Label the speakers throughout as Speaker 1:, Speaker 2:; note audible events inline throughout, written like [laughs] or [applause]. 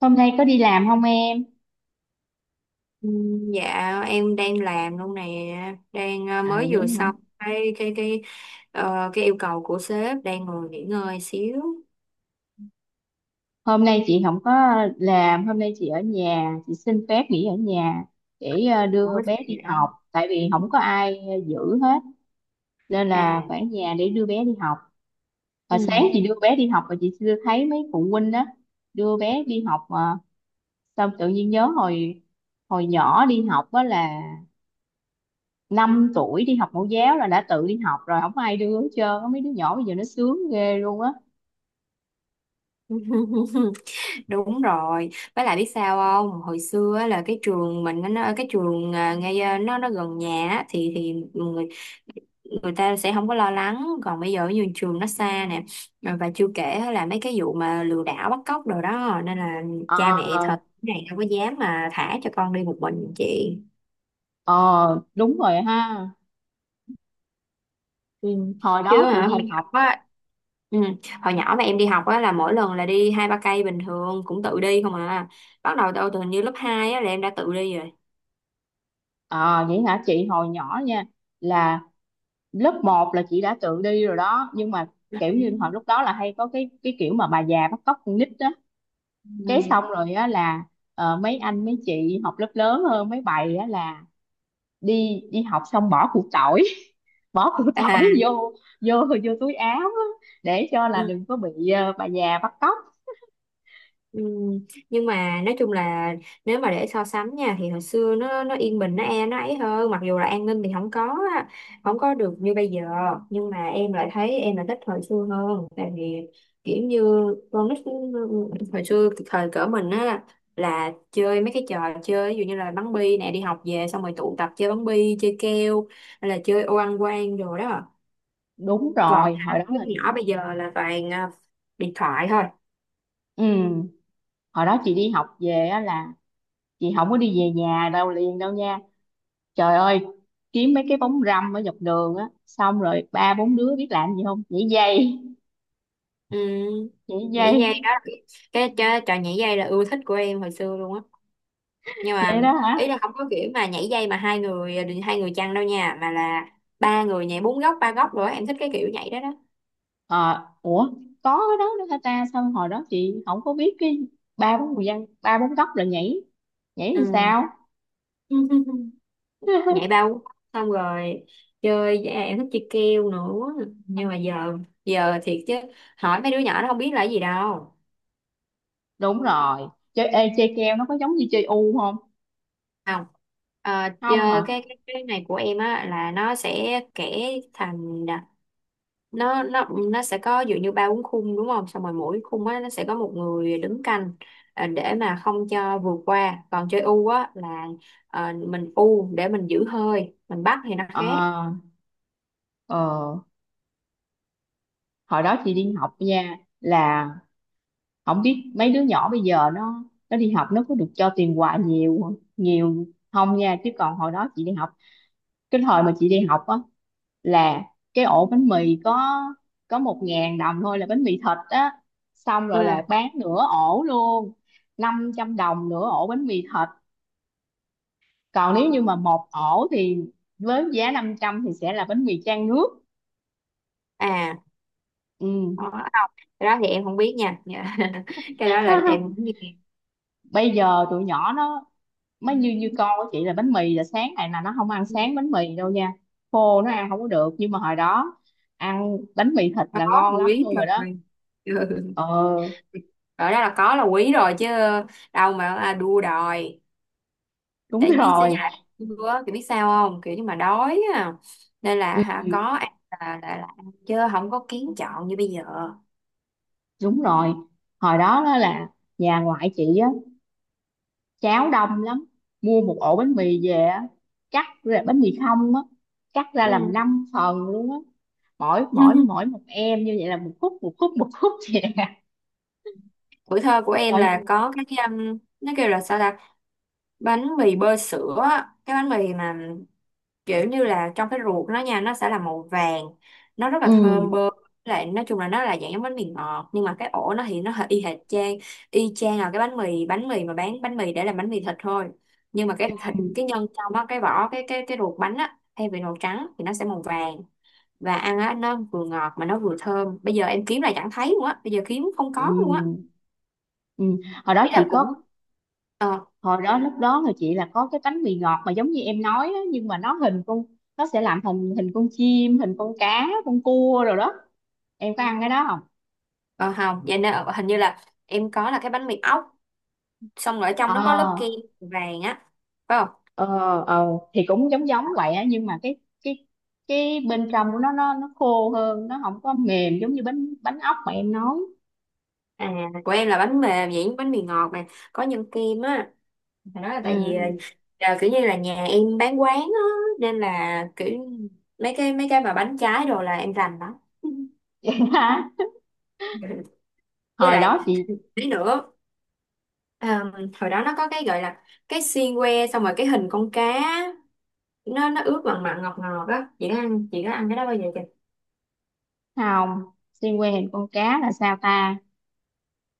Speaker 1: Hôm nay có đi làm không em?
Speaker 2: Ừ, Dạ em đang làm luôn nè, đang
Speaker 1: À,
Speaker 2: mới
Speaker 1: vậy
Speaker 2: vừa
Speaker 1: hả?
Speaker 2: xong cái yêu cầu của sếp, đang ngồi nghỉ ngơi xíu.
Speaker 1: Hôm nay chị không có làm, hôm nay chị ở nhà, chị xin phép nghỉ ở nhà để đưa
Speaker 2: Ủa
Speaker 1: bé
Speaker 2: gì
Speaker 1: đi
Speaker 2: đó
Speaker 1: học, tại vì không có ai giữ hết, nên là
Speaker 2: à
Speaker 1: phải ở nhà để đưa bé đi học. Và
Speaker 2: ừ.
Speaker 1: sáng chị đưa bé đi học và chị chưa thấy mấy phụ huynh đó đưa bé đi học mà xong tự nhiên nhớ hồi hồi nhỏ đi học đó là 5 tuổi đi học mẫu giáo là đã tự đi học rồi, không có ai đưa hết trơn á. Mấy đứa nhỏ bây giờ nó sướng ghê luôn á.
Speaker 2: [laughs] Đúng rồi, với lại biết sao không? Hồi xưa á, là cái trường mình á, nó cái trường ngay nó gần nhà á, thì người người ta sẽ không có lo lắng, còn bây giờ như trường nó xa nè. Và chưa kể á là mấy cái vụ mà lừa đảo bắt cóc đồ đó nên là cha mẹ
Speaker 1: ờ
Speaker 2: thật này không có dám mà thả cho con đi một mình chị.
Speaker 1: Ờ, đúng rồi ha.
Speaker 2: Ừ.
Speaker 1: Hồi
Speaker 2: Chứ
Speaker 1: đó chị
Speaker 2: hả hồi
Speaker 1: đi
Speaker 2: nhỏ
Speaker 1: học,
Speaker 2: á, ừ. Hồi nhỏ mà em đi học á là mỗi lần là đi hai ba cây bình thường cũng tự đi không à. Bắt đầu từ từ hình như lớp 2 á là em đã tự đi
Speaker 1: à, vậy hả chị? Hồi nhỏ nha, là lớp 1 là chị đã tự đi rồi đó. Nhưng mà
Speaker 2: rồi.
Speaker 1: kiểu như hồi lúc đó là hay có cái kiểu mà bà già bắt cóc con nít đó. Cái xong
Speaker 2: Ừ.
Speaker 1: rồi á là mấy anh mấy chị học lớp lớn hơn mấy bầy á là đi đi học xong bỏ củ tỏi, [laughs] bỏ củ tỏi
Speaker 2: À,
Speaker 1: vô vô vô túi áo á, để cho là
Speaker 2: ừ,
Speaker 1: đừng có bị bà già bắt cóc.
Speaker 2: ừ. Nhưng mà nói chung là nếu mà để so sánh nha thì hồi xưa nó yên bình nó ấy hơn, mặc dù là an ninh thì không có á, không có được như bây giờ, nhưng mà em lại thấy em là thích hồi xưa hơn. Tại vì kiểu như con nít hồi xưa thời cỡ mình á là chơi mấy cái trò chơi, ví dụ như là bắn bi nè, đi học về xong rồi tụ tập chơi bắn bi, chơi keo, hay là chơi ô ăn quan rồi đó.
Speaker 1: Đúng
Speaker 2: Còn
Speaker 1: rồi
Speaker 2: hả
Speaker 1: hồi đó
Speaker 2: đứa
Speaker 1: là,
Speaker 2: nhỏ bây giờ là toàn điện thoại thôi.
Speaker 1: ừ, hồi đó chị đi học về á là chị không có đi về nhà đâu liền đâu nha. Trời ơi, kiếm mấy cái bóng râm ở dọc đường á, xong rồi ba bốn đứa biết làm gì không? Nhảy dây,
Speaker 2: Ừ.
Speaker 1: nhảy
Speaker 2: Nhảy
Speaker 1: dây.
Speaker 2: dây đó cái trò nhảy dây là ưa thích của em hồi xưa luôn á, nhưng mà
Speaker 1: Vậy đó hả?
Speaker 2: ý là không có kiểu mà nhảy dây mà hai người, chăng đâu nha, mà là ba người nhảy, bốn góc, ba góc rồi á. Em thích cái kiểu nhảy đó đó.
Speaker 1: Ờ Ủa, có cái đó nữa hả ta? Sao hồi đó chị không có biết? Cái ba bốn người dân ba bốn góc rồi nhảy nhảy làm
Speaker 2: Ừ.
Speaker 1: sao?
Speaker 2: [laughs] Nhảy
Speaker 1: [laughs]
Speaker 2: bao xong rồi chơi em thích chơi keo nữa, nhưng mà giờ giờ thiệt chứ, hỏi mấy đứa nhỏ nó không biết là cái gì đâu.
Speaker 1: Đúng rồi. Chơi keo nó có giống như chơi u không?
Speaker 2: Không.
Speaker 1: Không
Speaker 2: Chơi
Speaker 1: hả?
Speaker 2: cái này của em á là nó sẽ kể thành, nó nó nó sẽ có dụ như ba bốn khung, đúng không, xong rồi mỗi khung á nó sẽ có một người đứng canh, để mà không cho vượt qua. Còn chơi u á là mình u để mình giữ hơi mình bắt thì nó
Speaker 1: ờ
Speaker 2: khác.
Speaker 1: ờ Hồi đó chị đi học nha, là không biết mấy đứa nhỏ bây giờ nó đi học nó có được cho tiền quà nhiều nhiều không nha. Chứ còn hồi đó chị đi học, cái thời mà chị đi học á là cái ổ bánh mì có 1.000 đồng thôi là bánh mì thịt á, xong rồi là
Speaker 2: Ừ.
Speaker 1: bán nửa ổ luôn, 500 đồng nửa ổ bánh mì thịt. Còn nếu như mà một ổ thì với giá 500 thì sẽ là bánh mì chan nước.
Speaker 2: À
Speaker 1: Ừ.
Speaker 2: đó. Cái đó thì em không biết nha. Dạ. [laughs] Cái đó là em
Speaker 1: [laughs]
Speaker 2: không nghe.
Speaker 1: Bây giờ tụi nhỏ nó mới như như con của chị là bánh mì, là sáng này là nó không ăn sáng bánh mì đâu nha, khô nó ăn không có được. Nhưng mà hồi đó ăn bánh mì thịt là
Speaker 2: Có
Speaker 1: ngon lắm
Speaker 2: quý
Speaker 1: luôn rồi đó.
Speaker 2: rồi. Ừ. Rồi.
Speaker 1: ờ
Speaker 2: [laughs] Đó là có là quý rồi chứ đâu mà đua đòi.
Speaker 1: Đúng
Speaker 2: Tại biết sẽ
Speaker 1: rồi.
Speaker 2: dạy bữa kiểu biết sao không, kiểu như mà đói à, nên
Speaker 1: Ừ,
Speaker 2: là có ăn là, ăn chứ không có kiến chọn như bây giờ.
Speaker 1: đúng rồi. Hồi đó đó là nhà ngoại chị á, cháo đông lắm, mua một ổ bánh mì về á, cắt ra bánh mì không á, cắt ra làm
Speaker 2: Ừ.
Speaker 1: 5 phần luôn á. Mỗi mỗi mỗi
Speaker 2: [laughs]
Speaker 1: một em như vậy là một khúc, một khúc, một khúc vậy nè.
Speaker 2: Tuổi thơ của em
Speaker 1: Trời,
Speaker 2: là có cái nó kêu là sao ta, bánh mì bơ sữa á. Cái bánh mì mà kiểu như là trong cái ruột nó nha, nó sẽ là màu vàng, nó rất là
Speaker 1: ừ,
Speaker 2: thơm. Ừ. Bơm lại nói chung là nó là dạng giống bánh mì ngọt, nhưng mà cái ổ nó thì nó hơi y chang là cái bánh mì, mà bán bánh mì để làm bánh mì thịt thôi, nhưng mà cái thịt, cái nhân trong á, cái vỏ, cái ruột bánh á, thay vì màu trắng thì nó sẽ màu vàng, và ăn á nó vừa ngọt mà nó vừa thơm. Bây giờ em kiếm là chẳng thấy luôn á, bây giờ kiếm không
Speaker 1: ừ,
Speaker 2: có luôn á.
Speaker 1: ừ. hồi đó
Speaker 2: Ý là
Speaker 1: chị
Speaker 2: cũng
Speaker 1: có
Speaker 2: ờ
Speaker 1: Hồi đó lúc đó là chị là có cái bánh mì ngọt mà giống như em nói á, nhưng mà nó hình con, nó sẽ làm thành hình con chim, hình con cá, con cua rồi đó. Em có ăn cái đó không?
Speaker 2: ờ không. Vậy nên hình như là em có là cái bánh mì ốc, xong rồi ở trong
Speaker 1: ờ
Speaker 2: nó có lớp kem vàng á, phải không?
Speaker 1: ờ ờ thì cũng giống giống vậy á, nhưng mà cái cái bên trong của nó khô hơn, nó không có mềm giống như bánh bánh ốc mà em nói.
Speaker 2: À của em là bánh mềm vậy, bánh mì ngọt mà có nhân kem á. Phải nói là tại vì là,
Speaker 1: Ừ.
Speaker 2: là kiểu như là nhà em bán quán á, nên là kiểu mấy cái mà bánh trái đồ là em rành đó.
Speaker 1: [laughs] Vậy hả?
Speaker 2: [laughs] Với
Speaker 1: Hồi
Speaker 2: lại
Speaker 1: đó chị
Speaker 2: tí nữa ờm, hồi đó nó có cái gọi là cái xiên que, xong rồi cái hình con cá, nó ướp mặn mặn ngọt ngọt á. Chị có ăn cái đó bao giờ?
Speaker 1: Không. Xiên que hình con cá là sao ta?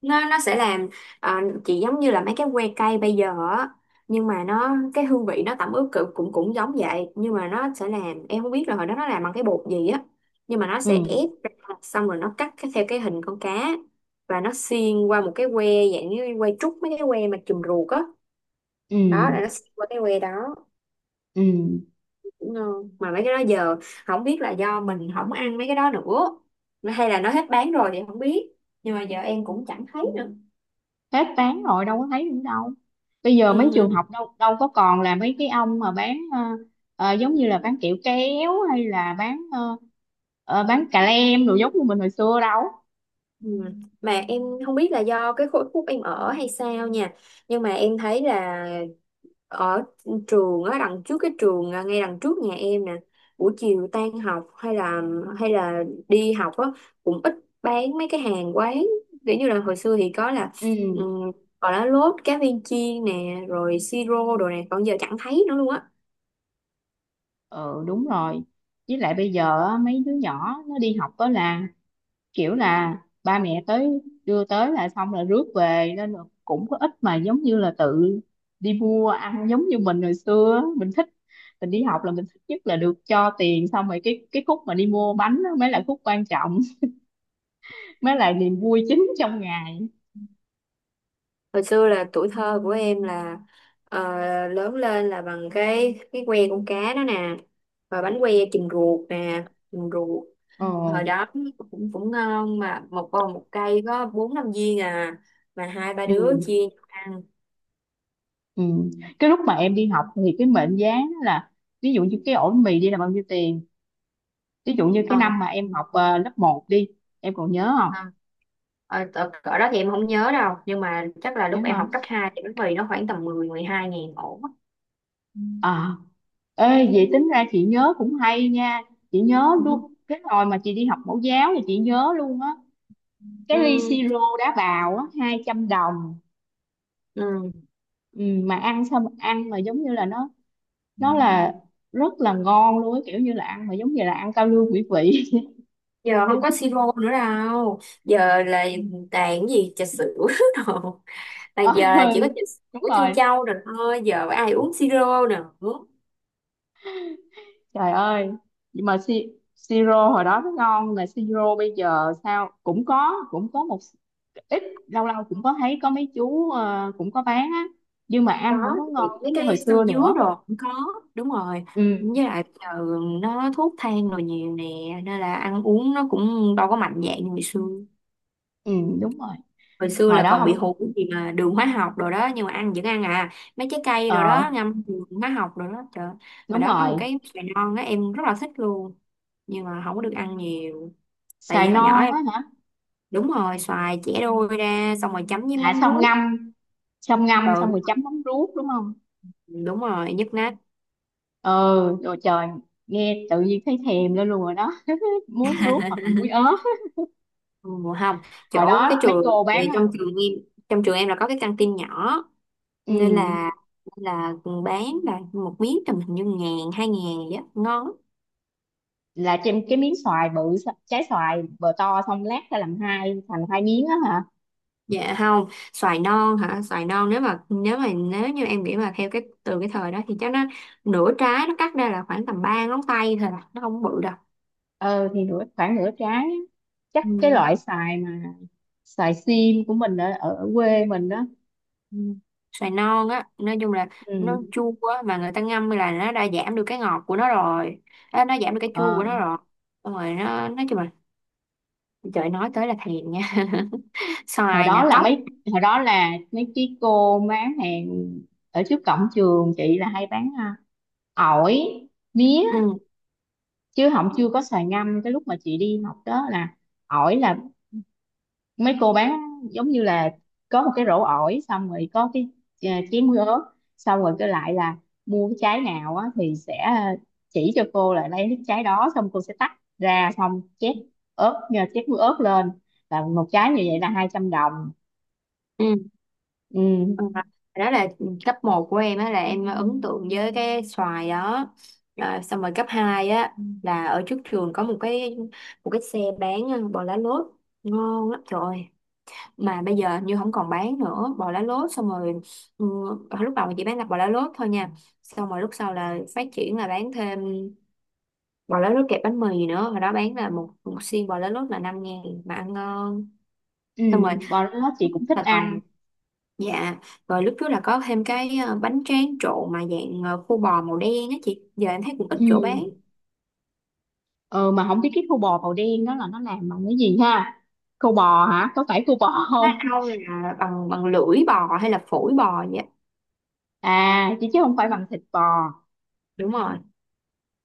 Speaker 2: Nó sẽ làm, chỉ giống như là mấy cái que cây bây giờ á, nhưng mà nó cái hương vị nó tẩm ướp cũng cũng cũng giống vậy, nhưng mà nó sẽ làm, em không biết là hồi đó nó làm bằng cái bột gì á, nhưng mà nó sẽ
Speaker 1: Ừ,
Speaker 2: ép ra, xong rồi nó cắt theo cái hình con cá, và nó xiên qua một cái que, dạng như que trúc, mấy cái que mà chùm ruột á,
Speaker 1: ừ,
Speaker 2: đó là nó xiên qua cái que đó.
Speaker 1: ừ,
Speaker 2: Đúng không? Mà mấy cái đó giờ, không biết là do mình không ăn mấy cái đó nữa hay là nó hết bán rồi thì không biết, nhưng mà giờ em cũng chẳng thấy nữa.
Speaker 1: hết bán rồi đâu có thấy nữa đâu. Bây giờ mấy trường
Speaker 2: Ừ.
Speaker 1: học đâu đâu có còn là mấy cái ông mà bán, giống như là bán kẹo kéo hay là bán, bán cà lem đồ giống như mình hồi xưa đâu.
Speaker 2: Ừ. Mà em không biết là do cái khối khúc em ở hay sao nha, nhưng mà em thấy là ở trường á, đằng trước cái trường ngay đằng trước nhà em nè, buổi chiều tan học hay là, đi học á cũng ít bán mấy cái hàng quán. Kiểu như là hồi xưa thì có là
Speaker 1: Ừ,
Speaker 2: um, gọi là lốt cá viên chiên nè rồi siro đồ nè, còn giờ chẳng thấy nữa luôn á.
Speaker 1: ừ, đúng rồi. Với lại bây giờ á, mấy đứa nhỏ nó đi học đó là kiểu là ba mẹ tới đưa tới là xong là rước về, nên là cũng có ít mà giống như là tự đi mua ăn giống như mình hồi xưa á. Mình đi học là mình thích nhất là được cho tiền, xong rồi cái khúc mà đi mua bánh đó mới là khúc quan trọng. [laughs] Mới là niềm vui chính trong ngày.
Speaker 2: Hồi xưa là tuổi thơ của em là ờ, lớn lên là bằng cái que con cá đó nè, rồi bánh que chìm ruột nè, chìm ruột
Speaker 1: ờ
Speaker 2: hồi đó cũng cũng ngon, mà một vòng một cây có bốn năm viên à, mà hai ba
Speaker 1: ừ,
Speaker 2: đứa chia nhau ăn.
Speaker 1: ừ, cái lúc mà em đi học thì cái mệnh giá đó là, ví dụ như cái ổ mì đi là bao nhiêu tiền, ví dụ như cái
Speaker 2: ờ
Speaker 1: năm mà em học lớp 1 đi, em còn nhớ không?
Speaker 2: ờ, cỡ cỡ đó thì em không nhớ đâu, nhưng mà chắc là
Speaker 1: Nhớ
Speaker 2: lúc em học
Speaker 1: không?
Speaker 2: cấp 2 thì bánh mì nó khoảng tầm mười mười hai ngàn ổ. Ừ.
Speaker 1: ờ Ê, vậy tính ra chị nhớ cũng hay nha. Chị nhớ luôn
Speaker 2: [laughs]
Speaker 1: cái hồi mà chị đi học mẫu giáo thì chị nhớ luôn á. Cái ly
Speaker 2: Ừ.
Speaker 1: siro đá bào á 200 đồng.
Speaker 2: Ừ.
Speaker 1: Ừ, mà ăn xong, ăn mà giống như là nó là rất là ngon luôn á, kiểu như là ăn mà giống như là ăn cao lương mỹ vị. [laughs]
Speaker 2: Giờ không có siro nữa đâu, giờ là toàn cái gì trà sữa. [laughs] Đồ
Speaker 1: Ờ,
Speaker 2: toàn, giờ là chỉ có
Speaker 1: ừ,
Speaker 2: trà
Speaker 1: đúng
Speaker 2: sữa trân
Speaker 1: rồi.
Speaker 2: châu rồi, thôi giờ ai uống siro nữa.
Speaker 1: Trời ơi, nhưng mà siro hồi đó nó ngon, mà siro bây giờ sao cũng có một ít, lâu lâu cũng có thấy có mấy chú, cũng có bán á, nhưng mà
Speaker 2: Có
Speaker 1: ăn không có
Speaker 2: thì
Speaker 1: ngon
Speaker 2: mấy
Speaker 1: giống như hồi
Speaker 2: cái
Speaker 1: xưa
Speaker 2: sâm dứa
Speaker 1: nữa.
Speaker 2: rồi cũng có. Đúng rồi,
Speaker 1: Ừ,
Speaker 2: với lại giờ nó thuốc thang rồi nhiều nè, nên là ăn uống nó cũng đâu có mạnh dạn như hồi xưa.
Speaker 1: ừ, đúng rồi.
Speaker 2: Hồi xưa
Speaker 1: Hồi
Speaker 2: là
Speaker 1: đó
Speaker 2: còn bị
Speaker 1: không.
Speaker 2: hụt cái gì mà đường hóa học rồi đó, nhưng mà ăn vẫn ăn à. Mấy trái cây rồi
Speaker 1: ờ
Speaker 2: đó, ngâm đường hóa học rồi đó trời. Và
Speaker 1: Đúng
Speaker 2: đó có một
Speaker 1: rồi.
Speaker 2: cái xoài non á em rất là thích luôn, nhưng mà không có được ăn nhiều. Tại
Speaker 1: Xài
Speaker 2: vì hồi nhỏ
Speaker 1: non
Speaker 2: em,
Speaker 1: á hả?
Speaker 2: đúng rồi xoài chẻ đôi ra xong rồi chấm với
Speaker 1: À,
Speaker 2: mắm ruốc.
Speaker 1: xong ngâm xong
Speaker 2: Ừ,
Speaker 1: rồi chấm mắm ruốc đúng không?
Speaker 2: đúng rồi, nhức nách.
Speaker 1: Ừ, rồi, trời, nghe tự nhiên thấy thèm lên luôn rồi đó. [laughs] Muối ruốc hoặc là muối ớt
Speaker 2: [laughs]
Speaker 1: á.
Speaker 2: Ừ, không,
Speaker 1: Hồi
Speaker 2: chỗ cái
Speaker 1: đó mấy
Speaker 2: trường,
Speaker 1: cô bán,
Speaker 2: thì
Speaker 1: à,
Speaker 2: trong trường em, là có cái căng tin nhỏ, nên là
Speaker 1: ừ,
Speaker 2: nên là bán là một miếng tầm hình như ngàn hai ngàn vậy á, ngon lắm.
Speaker 1: là trên cái miếng xoài bự, trái xoài bờ to xong lát ra làm hai thành hai miếng á hả?
Speaker 2: Dạ không. Xoài non hả, xoài non, nếu như em nghĩ mà theo cái từ cái thời đó thì chắc nó, nửa trái nó cắt ra là khoảng tầm ba ngón tay thôi à, nó không bự đâu.
Speaker 1: Ờ thì khoảng nửa trái á, chắc cái
Speaker 2: Ừ.
Speaker 1: loại xoài mà xoài sim của mình ở, ở quê mình đó.
Speaker 2: Ừ. Xoài non á nói chung là nó
Speaker 1: Ừ.
Speaker 2: chua á, mà người ta ngâm là nó đã giảm được cái ngọt của nó rồi. Ê, nó giảm được cái chua
Speaker 1: ờ,
Speaker 2: của nó rồi. Xong rồi nó nói chung là, trời nói tới là thèm nha. [laughs]
Speaker 1: hồi
Speaker 2: Xoài
Speaker 1: đó
Speaker 2: nè,
Speaker 1: là
Speaker 2: cóc.
Speaker 1: mấy hồi đó là mấy cái cô bán hàng ở trước cổng trường chị là hay bán, ổi, mía,
Speaker 2: Ừ.
Speaker 1: chứ không, chưa có xoài ngâm. Cái lúc mà chị đi học đó là ổi, là mấy cô bán giống như là có một cái rổ ổi, xong rồi có cái, chén ớt, xong rồi cái lại là mua cái trái nào á, thì sẽ, chỉ cho cô là lấy cái trái đó, xong cô sẽ tách ra, xong chét muối ớt lên, là một trái như vậy là 200 đồng.
Speaker 2: Ừ.
Speaker 1: Ừ,
Speaker 2: Ừ. Đó là cấp một của em á, là em ấn tượng với cái xoài đó. Xong rồi cấp 2 á là ở trước trường có một cái xe bán bò lá lốt, ngon lắm trời, mà bây giờ như không còn bán nữa bò lá lốt. Xong rồi ừ, lúc đầu mình chỉ bán là bò lá lốt thôi nha, xong rồi lúc sau là phát triển là bán thêm bò lá lốt kẹp bánh mì nữa. Hồi đó bán là một xiên bò lá lốt là 5 ngàn mà ăn ngon.
Speaker 1: ừ,
Speaker 2: Xong rồi
Speaker 1: và đó chị cũng thích
Speaker 2: là còn,
Speaker 1: ăn.
Speaker 2: dạ rồi, lúc trước là có thêm cái bánh tráng trộn mà dạng khô bò màu đen á chị, giờ em thấy cũng ít chỗ bán.
Speaker 1: Ừ, ờ mà không biết cái khô bò màu đen đó là nó làm bằng cái gì ha? Khô bò hả? Có phải khô bò
Speaker 2: Nó
Speaker 1: không?
Speaker 2: đâu là bằng bằng lưỡi bò hay là phổi bò vậy.
Speaker 1: [laughs] À, chứ chứ không phải bằng thịt bò.
Speaker 2: Đúng rồi,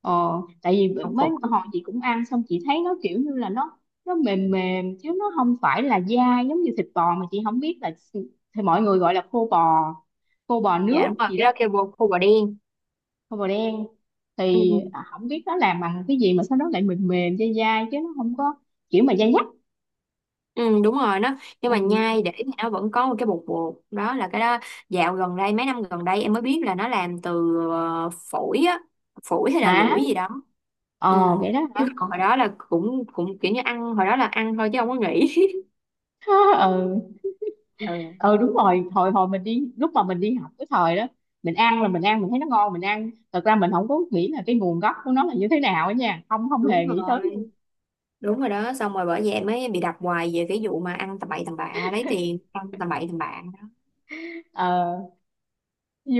Speaker 1: Ờ, tại vì
Speaker 2: còn
Speaker 1: mấy
Speaker 2: phổi.
Speaker 1: hồi chị cũng ăn, xong chị thấy nó kiểu như là nó mềm mềm, chứ nó không phải là dai giống như thịt bò, mà chị không biết thì mọi người gọi là khô bò
Speaker 2: Dạ đúng
Speaker 1: nước
Speaker 2: rồi,
Speaker 1: gì
Speaker 2: cái
Speaker 1: đó.
Speaker 2: đó kêu khô bò đen.
Speaker 1: Khô bò đen
Speaker 2: Ừ,
Speaker 1: thì,
Speaker 2: ừ.
Speaker 1: không biết nó làm bằng cái gì mà sao nó lại mềm mềm dai dai chứ nó không có kiểu mà dai dắt.
Speaker 2: Ừ, đúng rồi nó, nhưng
Speaker 1: Ừ.
Speaker 2: mà nhai để thì nó vẫn có một cái bột bột đó, là cái đó dạo gần đây, mấy năm gần đây em mới biết là nó làm từ phổi á, phổi hay là
Speaker 1: Hả?
Speaker 2: lưỡi gì đó. Ừ.
Speaker 1: Vậy đó hả?
Speaker 2: Chứ còn hồi đó là cũng cũng kiểu như ăn, hồi đó là ăn thôi chứ không có nghĩ.
Speaker 1: [laughs] Ừ,
Speaker 2: [laughs] Ừ.
Speaker 1: ừ, đúng rồi. Hồi hồi mình đi, lúc mà mình đi học cái thời đó, mình ăn là mình ăn, mình thấy nó ngon, mình ăn thật ra mình không có nghĩ là cái nguồn gốc của nó là như thế nào á nha, không, không
Speaker 2: Đúng
Speaker 1: hề nghĩ tới
Speaker 2: rồi,
Speaker 1: luôn.
Speaker 2: đúng rồi đó. Xong rồi bởi vậy em mới bị đặt hoài về cái vụ mà ăn tầm bậy tầm bạ, lấy tiền ăn tầm bậy tầm bạ đó.
Speaker 1: ờ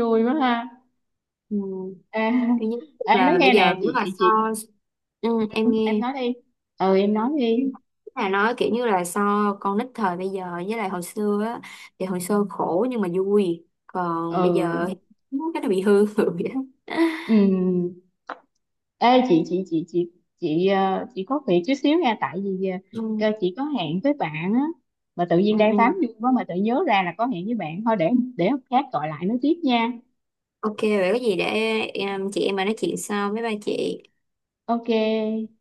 Speaker 1: Vui quá ha.
Speaker 2: Ừ.
Speaker 1: À,
Speaker 2: Tuy nhiên
Speaker 1: [laughs] ê nói
Speaker 2: là
Speaker 1: nghe
Speaker 2: bây
Speaker 1: nè,
Speaker 2: giờ nếu mà
Speaker 1: chị
Speaker 2: so,
Speaker 1: chị
Speaker 2: ừ, em
Speaker 1: em
Speaker 2: nghe,
Speaker 1: nói đi, ừ em nói đi.
Speaker 2: là nói kiểu như là so con nít thời bây giờ với lại hồi xưa á, thì hồi xưa khổ nhưng mà vui, còn bây giờ thì
Speaker 1: Ừ.
Speaker 2: cái nó bị hư [laughs] vậy đó.
Speaker 1: Ừm. Ê chị, chị có việc chút xíu nha, tại vì cơ
Speaker 2: Ừ,
Speaker 1: chị có hẹn với bạn á, mà tự
Speaker 2: ừ,
Speaker 1: nhiên đang tám
Speaker 2: ừ.
Speaker 1: vui quá mà tự nhớ ra là có hẹn với bạn, thôi để hôm khác gọi lại nói tiếp nha.
Speaker 2: Ok vậy có gì để em, chị em mà nói chuyện sau với ba chị.
Speaker 1: Ok,